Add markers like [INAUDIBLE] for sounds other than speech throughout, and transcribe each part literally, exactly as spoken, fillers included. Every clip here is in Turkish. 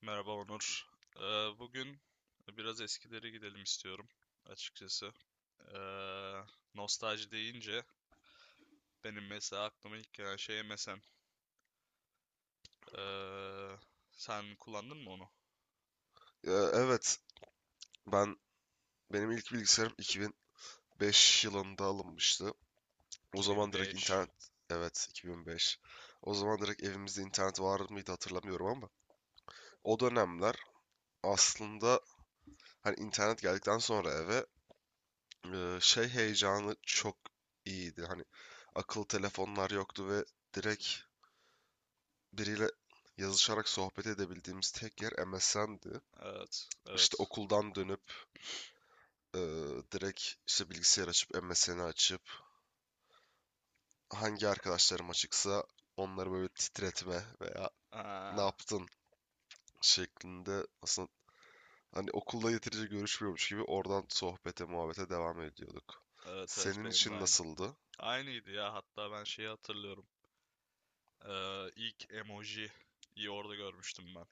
Merhaba Onur. Ee, bugün biraz eskileri gidelim istiyorum açıkçası. Ee, nostalji deyince benim mesela aklıma ilk gelen şey M S N. Ee, sen kullandın mı onu? Ee, evet, ben benim ilk bilgisayarım iki bin beş yılında alınmıştı. O zaman direkt iki bin beş. internet, evet, iki bin beş. O zaman direkt evimizde internet var mıydı hatırlamıyorum, ama o dönemler aslında hani internet geldikten sonra eve e, şey heyecanı çok iyiydi. Hani akıllı telefonlar yoktu ve direkt biriyle yazışarak sohbet edebildiğimiz tek yer M S N'di. Evet, İşte evet. okuldan dönüp e, direkt işte bilgisayar açıp M S N'i açıp hangi arkadaşlarım açıksa onları böyle titretme veya ne Aa, yaptın şeklinde aslında hani okulda yeterince görüşmüyormuş gibi oradan sohbete muhabbete devam ediyorduk. evet, evet Senin benim de için aynı. nasıldı? Aynıydı ya, hatta ben şeyi hatırlıyorum. Ee, ilk emojiyi orada görmüştüm ben.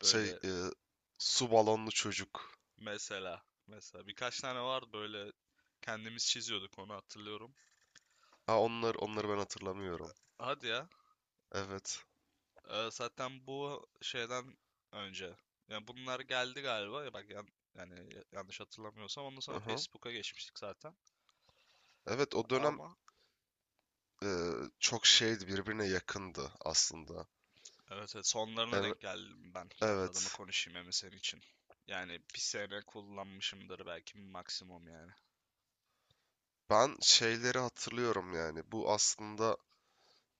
Şey Böyle e, su balonlu çocuk. mesela, mesela birkaç tane vardı, böyle kendimiz çiziyorduk onu hatırlıyorum. Ha onlar onları ben hatırlamıyorum. Hadi ya. Evet. Ee, zaten bu şeyden önce. Yani bunlar geldi galiba. Ya bak, yan- yani yanlış hatırlamıyorsam ondan sonra Aha. Facebook'a geçmiştik zaten. Evet, o dönem Ama e, çok şeydi, birbirine yakındı aslında. evet, evet, sonlarına Evet. denk geldim ben, kendi adıma Evet. konuşayım hem de senin için. Yani bir sene kullanmışımdır belki maksimum yani. Ben şeyleri hatırlıyorum yani. Bu aslında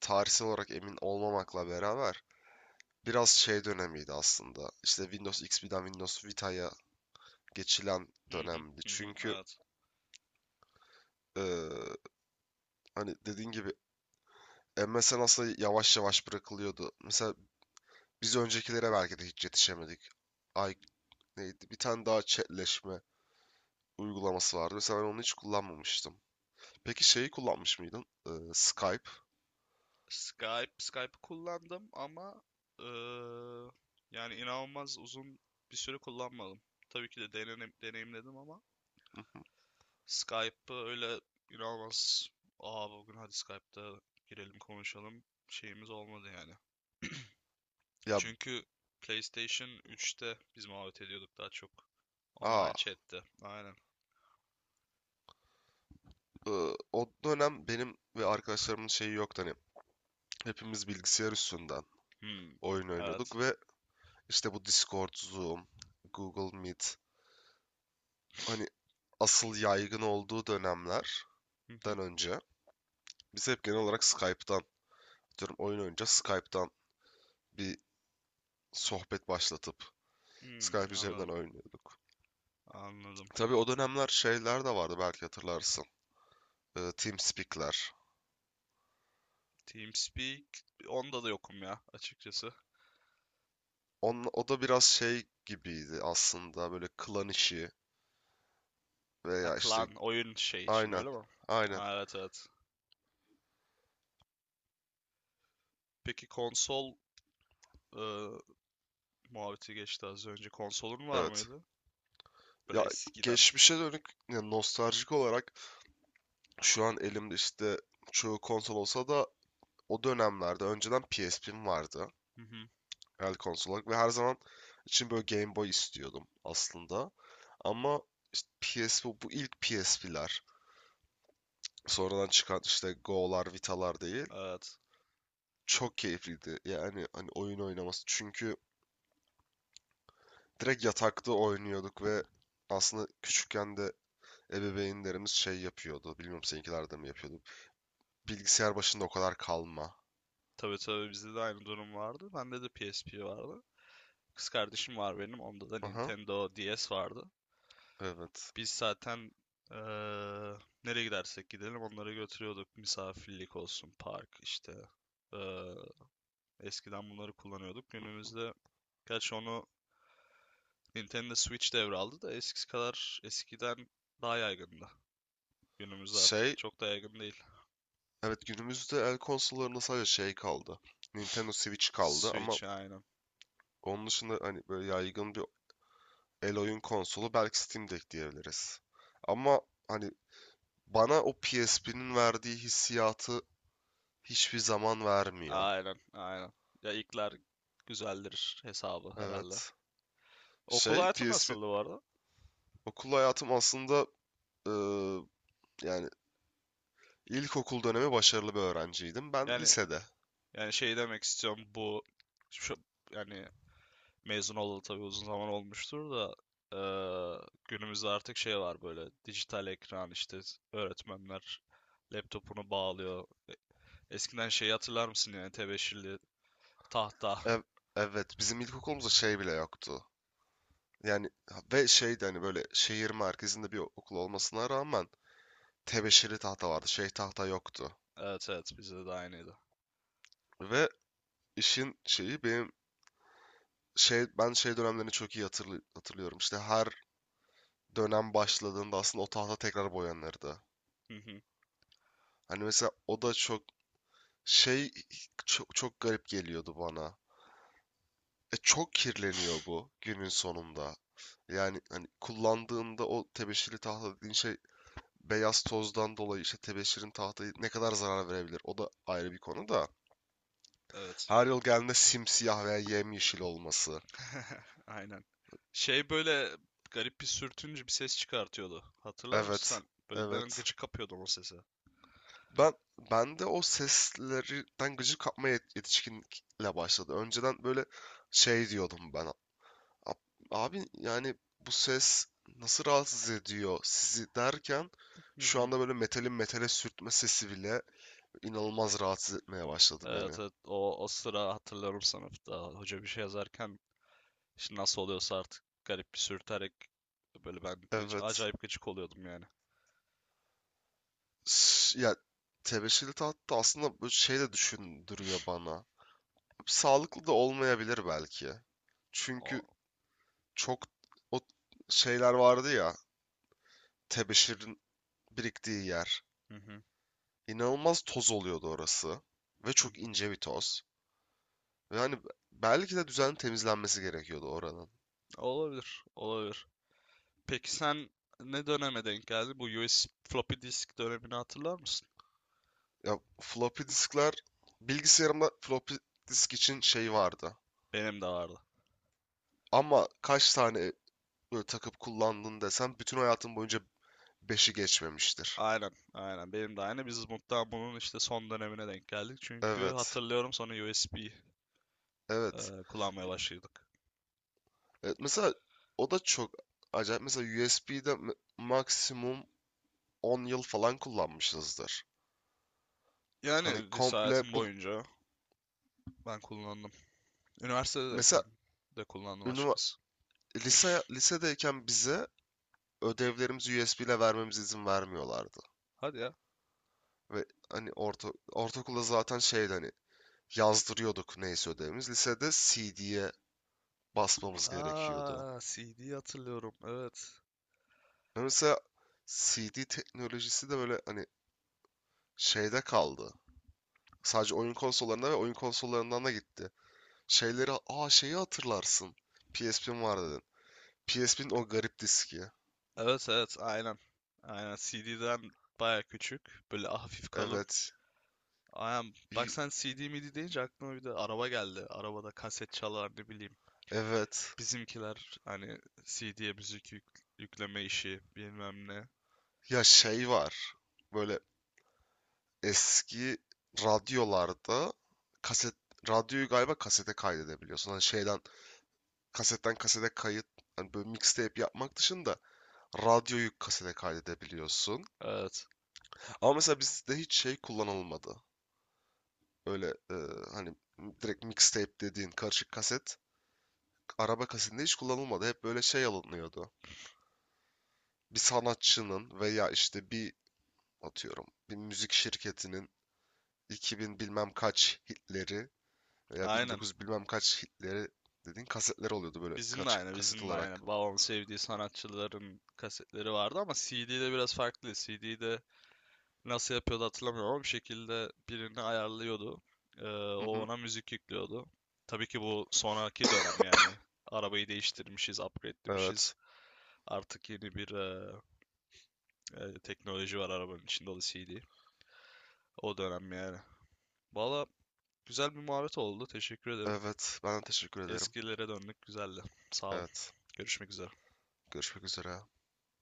tarihsel olarak emin olmamakla beraber biraz şey dönemiydi aslında. İşte Windows X P'den Windows Vita'ya geçilen Hı hı, dönemdi. hı hı, Çünkü evet. eee, hani dediğin gibi M S N aslında yavaş yavaş bırakılıyordu. Mesela biz öncekilere belki de hiç yetişemedik. Ay, neydi? Bir tane daha chatleşme uygulaması vardı. Mesela ben onu hiç kullanmamıştım. Peki şeyi kullanmış mıydın? Eee, Skype. Skype, Skype'ı kullandım ama eee, yani inanılmaz uzun bir süre kullanmadım. Tabii ki de denenim, deneyimledim ama [LAUGHS] Skype'ı öyle inanılmaz. Aa, bugün hadi Skype'da girelim konuşalım şeyimiz olmadı yani. [CLEARS THROAT] [LAUGHS] Ya, Çünkü PlayStation üçte biz muhabbet ediyorduk daha çok. aa, Online chat'te. Aynen. eee, o dönem benim ve arkadaşlarımın şeyi yoktu hani. Hepimiz bilgisayar üstünden Hmm. oyun oynuyorduk Evet. ve İşte bu Discord, Zoom, Google Meet, hani asıl yaygın olduğu dönemlerden [LAUGHS] Hı önce biz hep genel olarak Skype'dan, diyorum oyun oynayınca, Skype'dan bir sohbet başlatıp Hmm, Skype üzerinden anladım. oynuyorduk. Anladım. Tabii o dönemler şeyler de vardı, belki hatırlarsın. Ee, TeamSpeak'ler. TeamSpeak, onda da yokum ya açıkçası. On, o da biraz şey gibiydi aslında, böyle klan işi Ha, veya işte klan oyun şey için aynen, öyle mi? aynen, Aa, evet evet. Peki konsol e, muhabbeti geçti az önce. Konsolun var evet. mıydı? Böyle Ya, eskiden. geçmişe dönük ya nostaljik olarak, şu an elimde işte çoğu konsol olsa da o dönemlerde önceden P S P'm vardı. Hı hı. El konsol olarak, ve her zaman için böyle Game Boy istiyordum aslında. Ama işte P S P, bu ilk P S P'ler, sonradan çıkan işte Go'lar, Vita'lar değil. Evet. Çok keyifliydi. Yani hani oyun oynaması. Çünkü direkt yatakta oynuyorduk ve aslında küçükken de ebeveynlerimiz şey yapıyordu. Bilmiyorum, seninkiler de mi yapıyordu? Bilgisayar başında o kadar kalma. Tabii tabii, bizde de aynı durum vardı. Bende de P S P vardı. Kız kardeşim var benim. Onda da Aha, Nintendo D S vardı. evet. Biz zaten eee, nereye gidersek gidelim onları götürüyorduk. Misafirlik olsun, park işte. Eee, eskiden bunları kullanıyorduk. Günümüzde gerçi onu Nintendo Switch devraldı da eskisi kadar, eskiden daha yaygındı. Günümüzde artık Şey, çok da yaygın değil. evet, günümüzde el konsollarında sadece şey kaldı. Nintendo [LAUGHS] Switch kaldı, ama Switch aynı. onun dışında hani böyle yaygın bir el oyun konsolu belki Steam Deck diyebiliriz. Ama hani bana o P S P'nin verdiği hissiyatı hiçbir zaman vermiyor. Aynen, aynen. Ya, ilkler güzeldir hesabı herhalde. Evet. Okul Şey, hayatı P S P, nasıldı bu arada? okul hayatım aslında eee, yani ilkokul dönemi başarılı bir öğrenciydim. Ben Yani lisede. yani şey demek istiyorum, bu şu yani mezun olalı tabii uzun zaman olmuştur da, eee, günümüzde artık şey var, böyle dijital ekran, işte öğretmenler laptopunu bağlıyor. E, Eskiden şeyi hatırlar mısın, yani tebeşirli tahta. [LAUGHS] Ev- evet, bizim ilkokulumuzda şey bile yoktu. Yani ha- ve şeydi, hani böyle şehir merkezinde bir okul olmasına rağmen tebeşirli tahta vardı. Şey tahta yoktu. Evet evet, bizde de aynıydı. Ve işin şeyi, benim şey, ben şey dönemlerini çok iyi hatırlı- hatırlıyorum. İşte her dönem başladığında aslında o tahta tekrar boyanırdı. Hı hı, Hani mesela o da çok şey, çok, çok garip geliyordu bana. E çok kirleniyor bu günün sonunda. Yani hani kullandığında o tebeşirli tahta dediğin şey, beyaz tozdan dolayı işte tebeşirin tahtayı ne kadar zarar verebilir? O da ayrı bir konu da. evet. Her yıl geldiğinde simsiyah veya yemyeşil olması. [LAUGHS] Aynen. Şey, böyle garip bir sürtünce bir ses çıkartıyordu. Hatırlar mısın Evet. sen? Böyle ben Evet. gıcık kapıyordum o sesi. Ben ben de o seslerden gıcık kapma yet- yetişkinlikle başladı. Önceden böyle şey diyordum ben. "A- Abi yani bu ses nasıl rahatsız ediyor sizi?" derken, Hı şu hı. anda böyle metalin metale sürtme sesi bile inanılmaz rahatsız etmeye başladı beni. Evet evet, o, o sıra hatırlıyorum sınıfta. Hoca bir şey yazarken, işte nasıl oluyorsa artık, garip bir sürterek, böyle ben hiç- Evet. acayip gıcık oluyordum yani. S- Ya, tebeşirli tahta aslında bu şey de düşündürüyor bana. Sağlıklı da olmayabilir belki. O, Çünkü çok o şeyler vardı ya, tebeşirin biriktiği yer. hı hı. İnanılmaz toz oluyordu orası. Ve Hı çok hı. ince bir toz. Ve hani belki de düzenli temizlenmesi gerekiyordu oranın. Olabilir olabilir. Peki sen ne döneme denk geldin? Bu U S B, floppy disk dönemini hatırlar mısın? Ya, floppy diskler, bilgisayarımda floppy disk için şey vardı. Benim de vardı. Ama kaç tane böyle takıp kullandın desem, bütün hayatım boyunca beşi geçmemiştir. Aynen, aynen. Benim de aynı. Biz mutlaka bunun işte son dönemine denk geldik. Çünkü Evet. hatırlıyorum, sonra U S B Evet. e, kullanmaya başladık. Evet. Mesela o da çok acayip. Mesela U S B'de maksimum on yıl falan kullanmışızdır. Hani Yani lise hayatım komple bu, boyunca ben kullandım. mesela, Üniversitedeyken de kullandım ünivers açıkçası. lise lisedeyken bize ödevlerimizi U S B ile vermemize izin vermiyorlardı. Hadi ya. Ve hani orta ortaokulda zaten şeydi, hani yazdırıyorduk neyse ödevimiz. Lisede C D'ye basmamız gerekiyordu. Aa, C D hatırlıyorum. Evet. Ve mesela C D teknolojisi de böyle hani şeyde kaldı. Sadece oyun konsollarına, ve oyun konsollarından da gitti. Şeyleri, aa şeyi hatırlarsın. P S P'm var dedin. P S P'nin o garip diski. Evet, evet. Aynen. Aynen. C D'den baya küçük. Böyle hafif kalın. Evet. Aynen. Bak Y- sen C D midi deyince aklıma bir de araba geldi. Arabada kaset çalar, ne bileyim. Evet. Bizimkiler hani C D'ye müzik yük- yükleme işi bilmem ne. Ya, şey var. Böyle eski radyolarda kaset, radyoyu galiba kasete kaydedebiliyorsun. Hani şeyden, kasetten kasete kayıt, hani böyle mixtape yapmak dışında radyoyu kasete kaydedebiliyorsun. Evet. Ama mesela bizde hiç şey kullanılmadı. Öyle e, hani direkt mixtape dediğin karışık kaset araba kasinde hiç kullanılmadı. Hep böyle şey alınıyordu. Bir sanatçının veya işte bir, atıyorum, bir müzik şirketinin iki bin bilmem kaç hitleri veya Aynen. bin dokuz yüz bilmem kaç hitleri dediğin kasetler oluyordu, böyle Bizim de kaç aynı, kaset bizim de aynı. olarak. Babamın sevdiği sanatçıların kasetleri vardı ama C D'de biraz farklı. C D'de nasıl yapıyordu hatırlamıyorum ama bir şekilde birini ayarlıyordu. Ee, Hı o hı. ona müzik yüklüyordu. Tabii ki bu sonraki dönem [COUGHS] yani. Arabayı değiştirmişiz, upgrade'lemişiz. Evet. Artık yeni bir e, e, teknoloji var arabanın içinde, o da C D. O dönem yani. Valla, güzel bir muhabbet oldu. Teşekkür ederim. Evet. Ben de teşekkür ederim. Eskilere döndük. Güzeldi. Sağ olun. Evet. Görüşmek üzere. Görüşmek üzere.